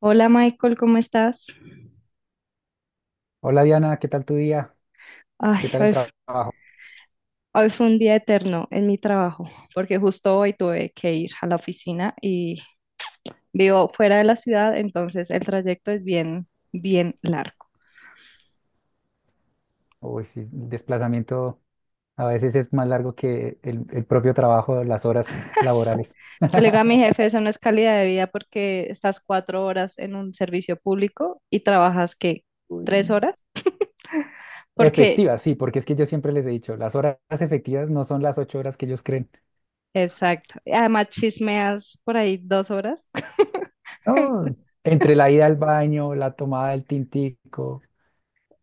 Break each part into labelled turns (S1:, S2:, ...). S1: Hola Michael, ¿cómo estás?
S2: Hola Diana, ¿qué tal tu día? ¿Qué
S1: Ay,
S2: tal
S1: hoy,
S2: el trabajo?
S1: hoy fue un día eterno en mi trabajo, porque justo hoy tuve que ir a la oficina y vivo fuera de la ciudad, entonces el trayecto es bien, bien largo.
S2: Uy, sí, el desplazamiento a veces es más largo que el propio trabajo, las horas laborales.
S1: Yo le digo a mi jefe, eso no es calidad de vida porque estás 4 horas en un servicio público y trabajas, ¿qué?
S2: Uy.
S1: ¿3 horas? Porque,
S2: Efectivas, sí, porque es que yo siempre les he dicho, las horas efectivas no son las 8 horas que ellos creen.
S1: exacto. Además chismeas por ahí 2 horas.
S2: No, entre la ida al baño, la tomada del tintico,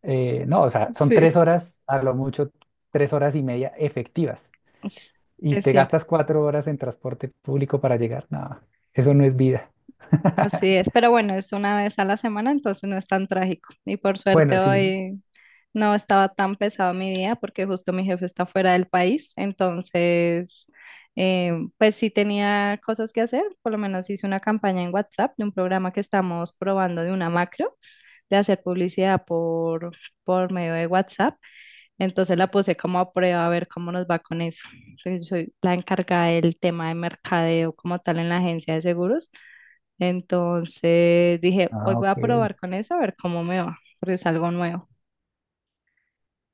S2: no, o sea, son
S1: Sí,
S2: 3 horas, a lo mucho 3 horas y media efectivas. Y
S1: es
S2: te
S1: cierto.
S2: gastas 4 horas en transporte público para llegar. No, eso no es vida.
S1: Así es, pero bueno, es una vez a la semana, entonces no es tan trágico. Y por suerte
S2: Bueno, sí.
S1: hoy no estaba tan pesado mi día porque justo mi jefe está fuera del país, entonces pues sí tenía cosas que hacer, por lo menos hice una campaña en WhatsApp de un programa que estamos probando de una macro, de hacer publicidad por medio de WhatsApp, entonces la puse como a prueba a ver cómo nos va con eso. Entonces, soy la encargada del tema de mercadeo como tal en la agencia de seguros. Entonces dije, hoy
S2: Ah,
S1: voy
S2: ok,
S1: a probar con eso a ver cómo me va, porque es algo nuevo.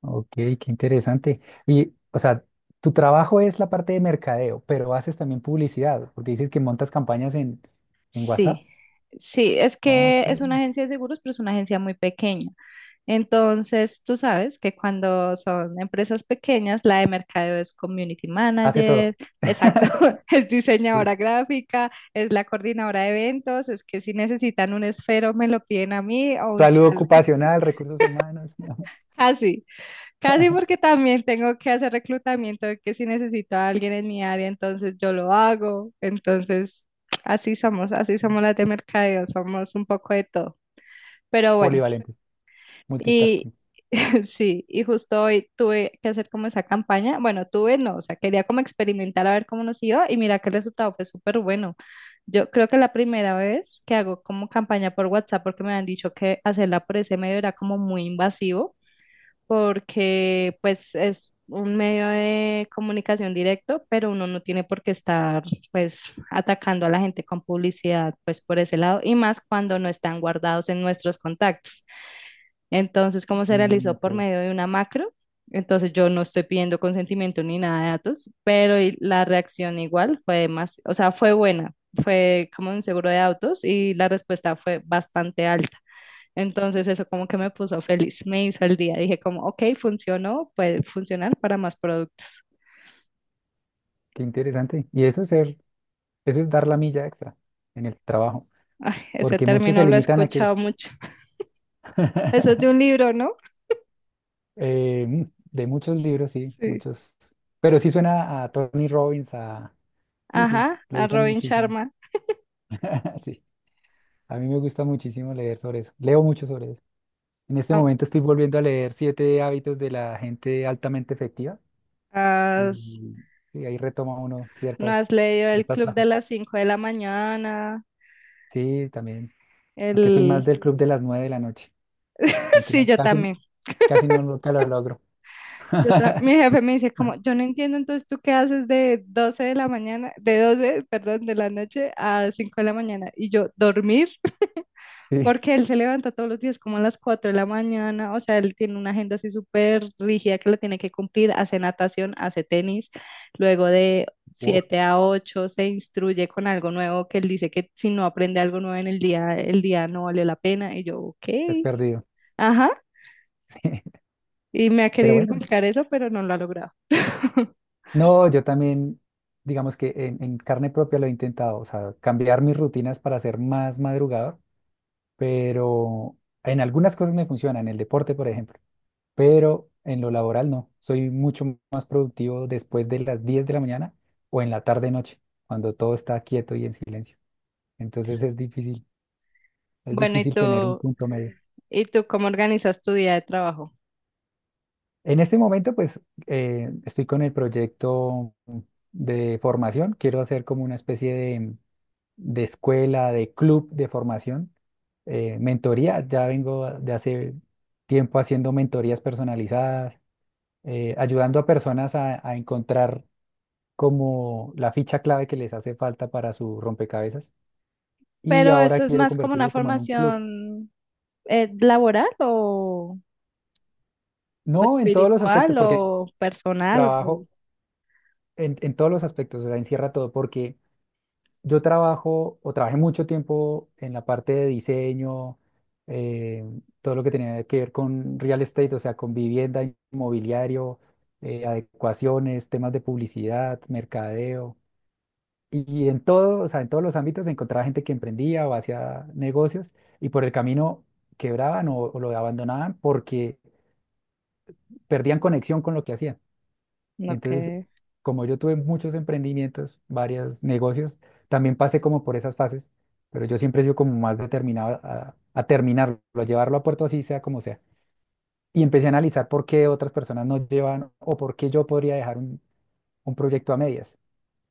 S2: ok, qué interesante. Y, o sea, tu trabajo es la parte de mercadeo, pero haces también publicidad, porque dices que montas campañas en WhatsApp.
S1: Sí, sí, es
S2: Ah,
S1: que
S2: Ok,
S1: es una agencia de seguros, pero es una agencia muy pequeña. Entonces, tú sabes que cuando son empresas pequeñas, la de mercadeo es community
S2: hace
S1: manager,
S2: todo.
S1: exacto, es
S2: Sí.
S1: diseñadora gráfica, es la coordinadora de eventos, es que si necesitan un esfero me lo piden a mí o un
S2: Salud
S1: chal,
S2: ocupacional, recursos humanos,
S1: así. Casi porque también tengo que hacer reclutamiento, de que si necesito a alguien en mi área, entonces yo lo hago. Entonces, así somos las de mercadeo, somos un poco de todo. Pero bueno,
S2: polivalente,
S1: y
S2: multitasking.
S1: sí, y justo hoy tuve que hacer como esa campaña. Bueno, tuve no, o sea, quería como experimentar a ver cómo nos iba y mira que el resultado fue súper bueno. Yo creo que la primera vez que hago como campaña por WhatsApp, porque me han dicho que hacerla por ese medio era como muy invasivo porque pues es un medio de comunicación directo, pero uno no tiene por qué estar pues atacando a la gente con publicidad pues por ese lado y más cuando no están guardados en nuestros contactos. Entonces, como se
S2: Mm,
S1: realizó por
S2: ok,
S1: medio de una macro, entonces yo no estoy pidiendo consentimiento ni nada de datos, pero y la reacción igual fue más, o sea, fue buena, fue como un seguro de autos y la respuesta fue bastante alta. Entonces eso como que me puso feliz, me hizo el día. Dije como, ok, funcionó, puede funcionar para más productos.
S2: qué interesante. Y eso es dar la milla extra en el trabajo,
S1: Ay, ese
S2: porque muchos se
S1: término lo he
S2: limitan a que
S1: escuchado mucho. Eso es de un libro, ¿no?
S2: Eh, mm, de muchos libros, sí,
S1: Sí.
S2: muchos. Pero sí suena a Tony Robbins, a... Sí, sí,
S1: Ajá,
S2: lo
S1: a
S2: usan
S1: Robin
S2: muchísimo.
S1: Sharma.
S2: Sí, a mí me gusta muchísimo leer sobre eso. Leo mucho sobre eso. En este
S1: Ah,
S2: momento estoy volviendo a leer Siete hábitos de la gente altamente efectiva
S1: ¿Has,
S2: y, y ahí retoma uno
S1: ¿no
S2: ciertas,
S1: has leído El
S2: ciertas
S1: Club de
S2: frases.
S1: las cinco de la mañana?
S2: Sí, también. Aunque soy más
S1: El...
S2: del club de las 9 de la noche, aunque
S1: Sí,
S2: no,
S1: yo
S2: casi,
S1: también.
S2: casi no, nunca lo logro.
S1: Mi jefe me dice como, yo no entiendo, entonces tú qué haces de 12 de la mañana, de 12 perdón, de la noche a 5 de la mañana. Y yo, dormir.
S2: Sí,
S1: Porque él se levanta todos los días como a las 4 de la mañana, o sea, él tiene una agenda así súper rígida que la tiene que cumplir, hace natación, hace tenis, luego de
S2: uf,
S1: 7 a 8 se instruye con algo nuevo que él dice que si no aprende algo nuevo en el día no vale la pena. Y yo, ok,
S2: es perdido.
S1: ajá, y me ha
S2: Pero
S1: querido
S2: bueno.
S1: inculcar eso, pero no lo ha logrado.
S2: No, yo también, digamos que en carne propia lo he intentado, o sea, cambiar mis rutinas para ser más madrugador, pero en algunas cosas me funciona, en el deporte, por ejemplo, pero en lo laboral no. Soy mucho más productivo después de las 10 de la mañana o en la tarde-noche, cuando todo está quieto y en silencio. Entonces es
S1: Bueno, ¿y
S2: difícil tener un
S1: tú,
S2: punto medio.
S1: y tú cómo organizas tu día de trabajo?
S2: En este momento, pues, estoy con el proyecto de formación, quiero hacer como una especie de escuela, de club de formación, mentoría. Ya vengo de hace tiempo haciendo mentorías personalizadas, ayudando a personas a, encontrar como la ficha clave que les hace falta para su rompecabezas. Y
S1: Pero
S2: ahora
S1: eso es
S2: quiero
S1: más como una
S2: convertirlo como en un club.
S1: formación laboral o
S2: No en todos los
S1: espiritual
S2: aspectos, porque
S1: o personal.
S2: trabajo en, todos los aspectos, o sea, encierra todo, porque yo trabajo o trabajé mucho tiempo en la parte de diseño, eh, todo lo que tenía que ver con real estate, o sea, con vivienda, inmobiliario, adecuaciones, temas de publicidad, mercadeo. Y, en todo, o sea, en todos los ámbitos encontraba gente que emprendía o hacía negocios y por el camino quebraban o, lo abandonaban porque perdían conexión con lo que hacían.
S1: Ok.
S2: Entonces, como yo tuve muchos emprendimientos, varios negocios, también pasé como por esas fases, pero yo siempre he sido como más determinado a, terminarlo, a llevarlo a puerto así sea como sea. Y empecé a analizar por qué otras personas no llevan o por qué yo podría dejar un, proyecto a medias.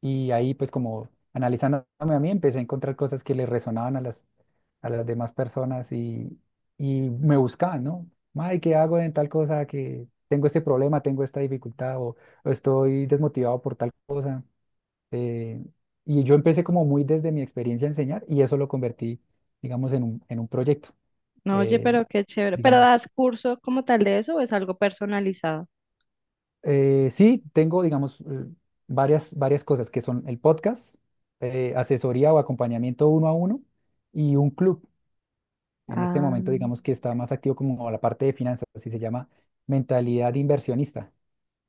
S2: Y ahí, pues como analizándome a mí, empecé a encontrar cosas que le resonaban a las, demás personas y, me buscaban, ¿no? Ay, ¿qué hago en tal cosa? Que tengo este problema, tengo esta dificultad o, estoy desmotivado por tal cosa. Eh, y yo empecé como muy desde mi experiencia a enseñar y eso lo convertí, digamos, en un, proyecto.
S1: No, oye,
S2: Eh,
S1: pero qué chévere. ¿Pero
S2: digamos,
S1: das curso como tal de eso o es algo personalizado?
S2: Eh, sí, tengo, digamos, varias, varias cosas que son el podcast, asesoría o acompañamiento uno a uno y un club. En este
S1: Ah,
S2: momento, digamos que está más activo como la parte de finanzas, así se llama mentalidad inversionista.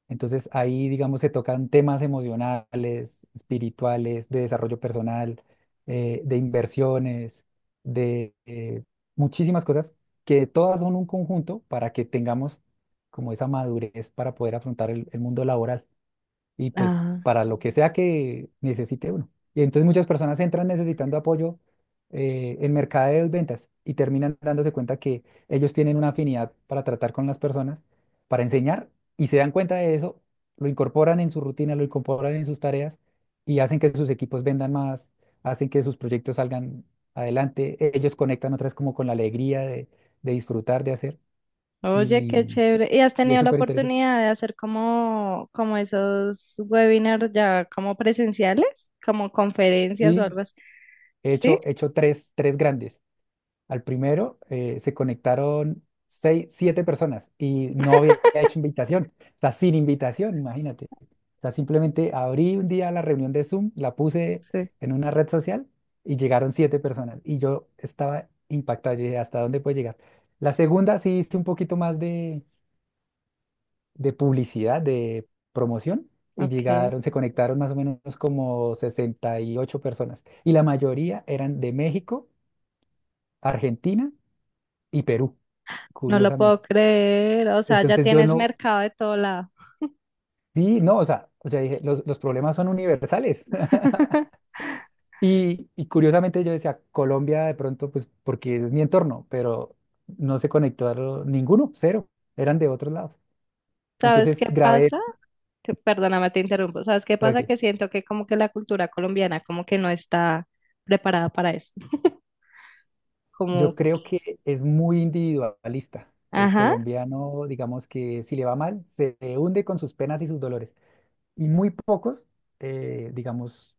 S2: Entonces ahí, digamos, se tocan temas emocionales, espirituales, de desarrollo personal, de inversiones, de muchísimas cosas que todas son un conjunto para que tengamos como esa madurez para poder afrontar el mundo laboral y pues
S1: ah.
S2: para lo que sea que necesite uno. Y entonces muchas personas entran necesitando apoyo en mercadeos, ventas y terminan dándose cuenta que ellos tienen una afinidad para tratar con las personas, para enseñar y se dan cuenta de eso, lo incorporan en su rutina, lo incorporan en sus tareas y hacen que sus equipos vendan más, hacen que sus proyectos salgan adelante. Ellos conectan otras como con la alegría de, disfrutar, de hacer
S1: Oye, qué
S2: y,
S1: chévere. ¿Y has
S2: es
S1: tenido la
S2: súper interesante.
S1: oportunidad de hacer como, como esos webinars ya como presenciales? Como conferencias o algo
S2: Y
S1: así.
S2: he
S1: Sí,
S2: hecho, he hecho tres, tres grandes. Al primero se conectaron seis, siete personas y no había hecho invitación, o sea, sin invitación, imagínate. O sea, simplemente abrí un día la reunión de Zoom, la puse
S1: sí,
S2: en una red social y llegaron siete personas y yo estaba impactado, yo dije, ¿hasta dónde puede llegar? La segunda sí hice un poquito más de, publicidad, de promoción y
S1: ok.
S2: llegaron, se conectaron más o menos como 68 personas y la mayoría eran de México, Argentina y Perú
S1: No lo
S2: curiosamente.
S1: puedo creer. O sea, ya
S2: Entonces yo
S1: tienes
S2: no,
S1: mercado de todo lado.
S2: sí, no, o sea, dije, los problemas son universales. Y, curiosamente yo decía, Colombia de pronto, pues porque es mi entorno, pero no se conectó ninguno, cero, eran de otros lados.
S1: ¿Sabes
S2: Entonces
S1: qué
S2: grabé,
S1: pasa? Perdóname, te interrumpo. ¿Sabes qué pasa?
S2: tranqui,
S1: Que siento que como que la cultura colombiana como que no está preparada para eso.
S2: yo
S1: Como,
S2: creo que es muy individualista. El
S1: ajá,
S2: colombiano, digamos que si le va mal, se hunde con sus penas y sus dolores. Y muy pocos, digamos,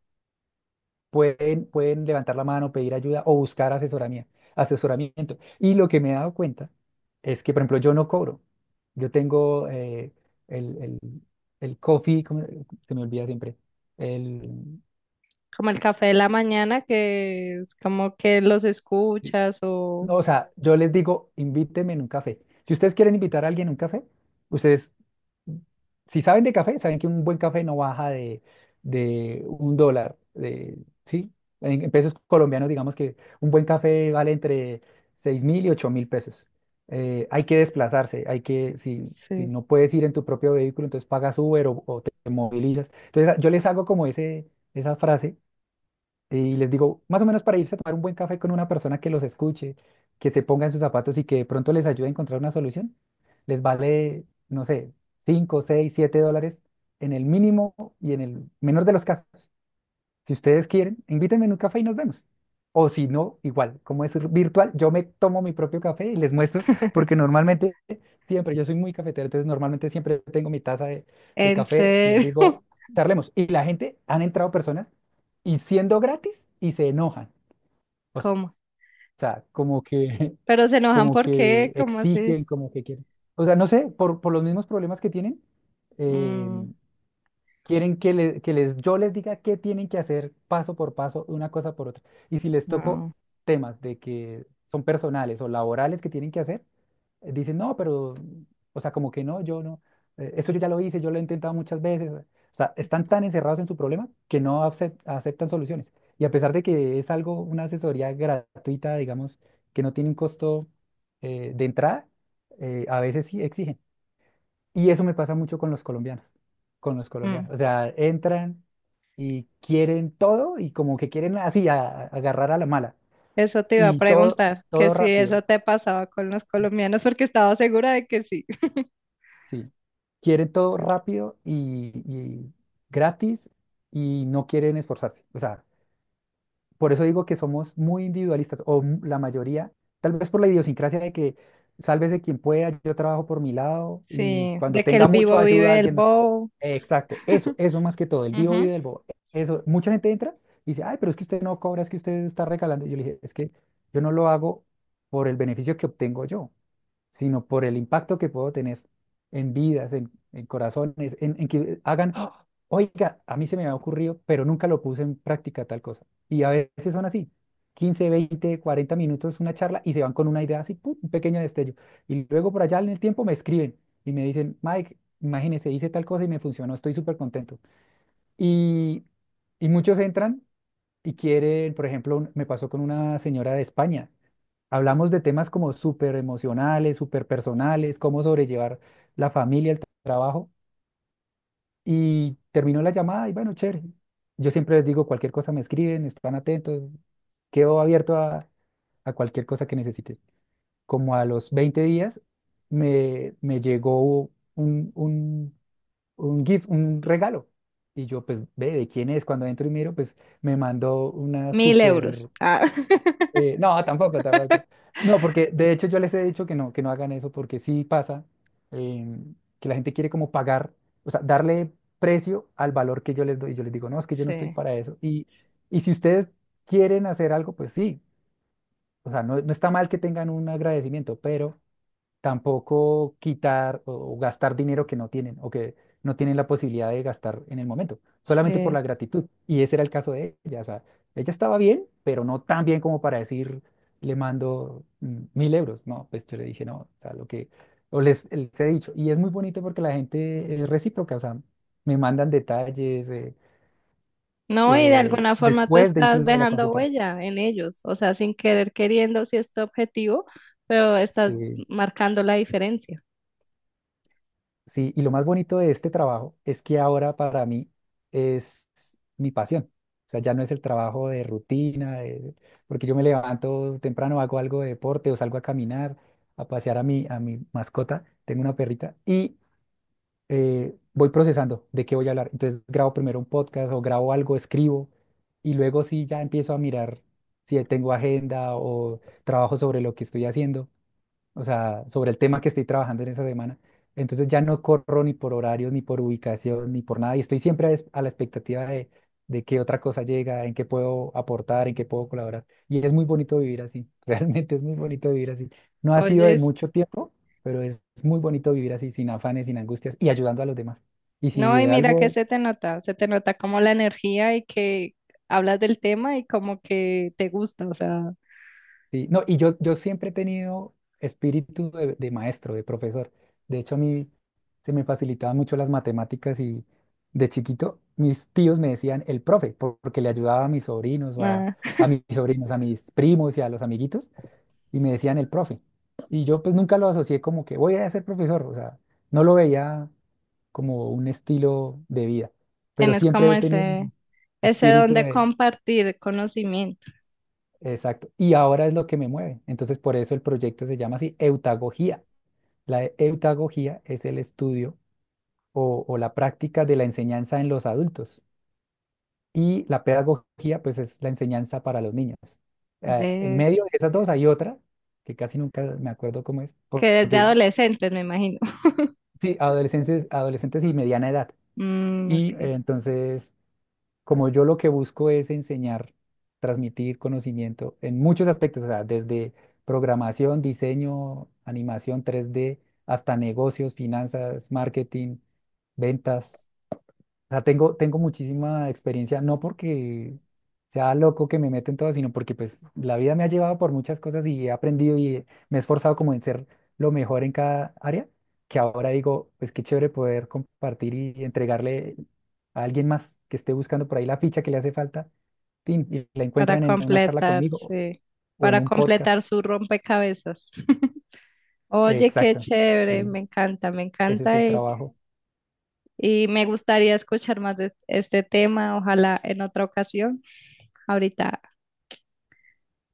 S2: pueden levantar la mano, pedir ayuda o buscar asesoramiento, asesoramiento. Y lo que me he dado cuenta es que, por ejemplo, yo no cobro. Yo tengo el, el, el coffee, ¿cómo se me olvida siempre? El,
S1: como el café de la mañana que es como que los escuchas o
S2: No, o sea, yo les digo, invítenme en un café. Si ustedes quieren invitar a alguien a un café, ustedes, si saben de café, saben que un buen café no baja de, un dólar, ¿sí? En pesos colombianos, digamos que un buen café vale entre 6.000 y 8.000 pesos. Hay que desplazarse, si
S1: sí.
S2: no puedes ir en tu propio vehículo, entonces pagas Uber o, te movilizas. Entonces, yo les hago como ese, esa frase y les digo, más o menos para irse a tomar un buen café con una persona que los escuche, que se ponga en sus zapatos y que de pronto les ayude a encontrar una solución, les vale, no sé, 5 6 7 dólares en el mínimo y en el menor de los casos. Si ustedes quieren, invítenme en un café y nos vemos. O si no, igual, como es virtual, yo me tomo mi propio café y les muestro, porque normalmente siempre, yo soy muy cafetero, entonces normalmente siempre tengo mi taza de,
S1: ¿En
S2: café y les
S1: serio?
S2: digo, charlemos. Y la gente, han entrado personas y siendo gratis y se enojan. O
S1: ¿Cómo?
S2: sea, como que,
S1: Pero se enojan
S2: como
S1: porque,
S2: que
S1: ¿cómo así?
S2: exigen, como que quieren. O sea, no sé, por los mismos problemas que tienen. eh,
S1: Mm,
S2: Quieren que, yo les diga qué tienen que hacer paso por paso, una cosa por otra. Y si les toco
S1: no.
S2: temas de que son personales o laborales que tienen que hacer, dicen, no, pero, o sea, como que no, yo no, eso yo ya lo hice, yo lo he intentado muchas veces. O sea, están tan encerrados en su problema que no aceptan soluciones. Y a pesar de que es algo, una asesoría gratuita, digamos, que no tiene un costo de entrada, a veces sí exigen. Y eso me pasa mucho con los colombianos, con los
S1: Mm.
S2: colombianos. O sea, entran y quieren todo y como que quieren así agarrar a la mala.
S1: Eso te iba a
S2: Y todo,
S1: preguntar, que
S2: todo
S1: si
S2: rápido,
S1: eso te pasaba con los colombianos, porque estaba segura de que sí.
S2: sí. Quieren todo rápido y, gratis y no quieren esforzarse. O sea, por eso digo que somos muy individualistas o la mayoría, tal vez por la idiosincrasia de que sálvese quien pueda, yo trabajo por mi lado y
S1: Sí,
S2: cuando
S1: de que el
S2: tenga mucho
S1: vivo
S2: ayuda a
S1: vive el
S2: alguien más.
S1: bobo.
S2: Exacto, eso más que todo, el vivo y del bobo. Eso, mucha gente entra y dice, ay, pero es que usted no cobra, es que usted está regalando. Y yo le dije, es que yo no lo hago por el beneficio que obtengo yo sino por el impacto que puedo tener en vidas, en corazones, en que hagan, "Ah, oiga, a mí se me había ocurrido, pero nunca lo puse en práctica tal cosa." Y a veces son así, 15, 20, 40 minutos una charla y se van con una idea así, ¡pum! Un pequeño destello. Y luego por allá en el tiempo me escriben y me dicen, Mike, imagínese, hice tal cosa y me funcionó, estoy súper contento. Y, muchos entran y quieren, por ejemplo, me pasó con una señora de España. Hablamos de temas como súper emocionales, súper personales, cómo sobrellevar la familia, el trabajo. Y terminó la llamada y bueno, chévere. Yo siempre les digo, cualquier cosa me escriben, están atentos. Quedo abierto a, cualquier cosa que necesiten. Como a los 20 días me llegó un, un, un gift, un regalo. Y yo pues ve de quién es. Cuando entro y miro, pues me mandó una
S1: 1.000 euros.
S2: súper
S1: Ah.
S2: no, tampoco, tampoco. No, porque de hecho yo les he dicho que no hagan eso, porque sí pasa que la gente quiere como pagar, o sea, darle precio al valor que yo les doy. Yo les digo, no, es que yo no estoy
S1: Sí,
S2: para eso. Y si ustedes quieren hacer algo, pues sí, o sea, no, no está mal que tengan un agradecimiento, pero tampoco quitar o gastar dinero que no tienen o que no tienen la posibilidad de gastar en el momento, solamente por
S1: sí.
S2: la gratitud. Y ese era el caso de ella. O sea, ella estaba bien, pero no tan bien como para decir, le mando 1.000 euros. No, pues yo le dije, no, o sea, lo que, o les he dicho. Y es muy bonito porque la gente es recíproca, o sea, me mandan detalles
S1: No, y de alguna forma tú
S2: después de
S1: estás
S2: incluso de la
S1: dejando
S2: consulta.
S1: huella en ellos, o sea, sin querer queriendo, si es tu objetivo, pero estás
S2: Sí.
S1: marcando la diferencia.
S2: Sí, y lo más bonito de este trabajo es que ahora para mí es mi pasión. O sea, ya no es el trabajo de rutina, de- porque yo me levanto temprano, hago algo de deporte o salgo a caminar, a pasear a a mi mascota. Tengo una perrita y voy procesando de qué voy a hablar. Entonces grabo primero un podcast o grabo algo, escribo y luego sí ya empiezo a mirar si tengo agenda o trabajo sobre lo que estoy haciendo, o sea, sobre el tema que estoy trabajando en esa semana. Entonces ya no corro ni por horarios, ni por ubicación, ni por nada. Y estoy siempre a, es- a la expectativa de qué otra cosa llega, en qué puedo aportar, en qué puedo colaborar. Y es muy bonito vivir así, realmente es muy bonito vivir así. No ha sido de
S1: Oye,
S2: mucho tiempo, pero es muy bonito vivir así, sin afanes, sin angustias y ayudando a los demás. Y si
S1: no, y
S2: de
S1: mira que
S2: algo
S1: se te nota como la energía y que hablas del tema y como que te gusta, o sea,
S2: sí, no, y yo siempre he tenido espíritu de maestro, de profesor. De hecho, a mí se me facilitaban mucho las matemáticas y de chiquito mis tíos me decían el profe, por- porque le ayudaba a mis sobrinos
S1: ah,
S2: a mis sobrinos, a mis primos y a los amiguitos, y me decían el profe. Y yo pues nunca lo asocié como que voy a ser profesor, o sea, no lo veía como un estilo de vida, pero
S1: tienes
S2: siempre
S1: como
S2: he tenido
S1: ese don
S2: espíritu
S1: de
S2: de,
S1: compartir conocimiento,
S2: exacto. Y ahora es lo que me mueve. Entonces, por eso el proyecto se llama así, eutagogía. La e- eutagogía es el estudio o la práctica de la enseñanza en los adultos. Y la pedagogía, pues, es la enseñanza para los niños. En
S1: de
S2: medio de esas dos hay otra, que casi nunca me acuerdo cómo es,
S1: que
S2: por-
S1: desde
S2: porque
S1: adolescentes me imagino.
S2: sí, adolescentes, adolescentes y mediana edad.
S1: Mm,
S2: Y
S1: ok.
S2: entonces como yo lo que busco es enseñar, transmitir conocimiento en muchos aspectos, o sea, desde programación, diseño, animación 3D, hasta negocios, finanzas, marketing, ventas. O sea, tengo muchísima experiencia, no porque sea loco que me meto en todo, sino porque pues la vida me ha llevado por muchas cosas y he aprendido y me he esforzado como en ser lo mejor en cada área, que ahora digo, pues qué chévere poder compartir y entregarle a alguien más que esté buscando por ahí la ficha que le hace falta, fin, y la
S1: Para
S2: encuentran en una charla
S1: completar,
S2: conmigo
S1: sí,
S2: o en
S1: para
S2: un podcast.
S1: completar su rompecabezas. Oye, qué
S2: Exacto.
S1: chévere,
S2: Sí,
S1: me
S2: ese es
S1: encanta
S2: el trabajo.
S1: y me gustaría escuchar más de este tema, ojalá en otra ocasión. Ahorita.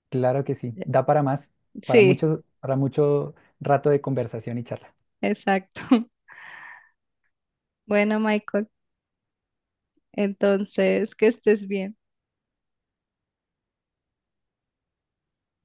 S2: Claro que sí. Da para más,
S1: Sí,
S2: para mucho rato de conversación y charla.
S1: exacto. Bueno, Michael, entonces, que estés bien.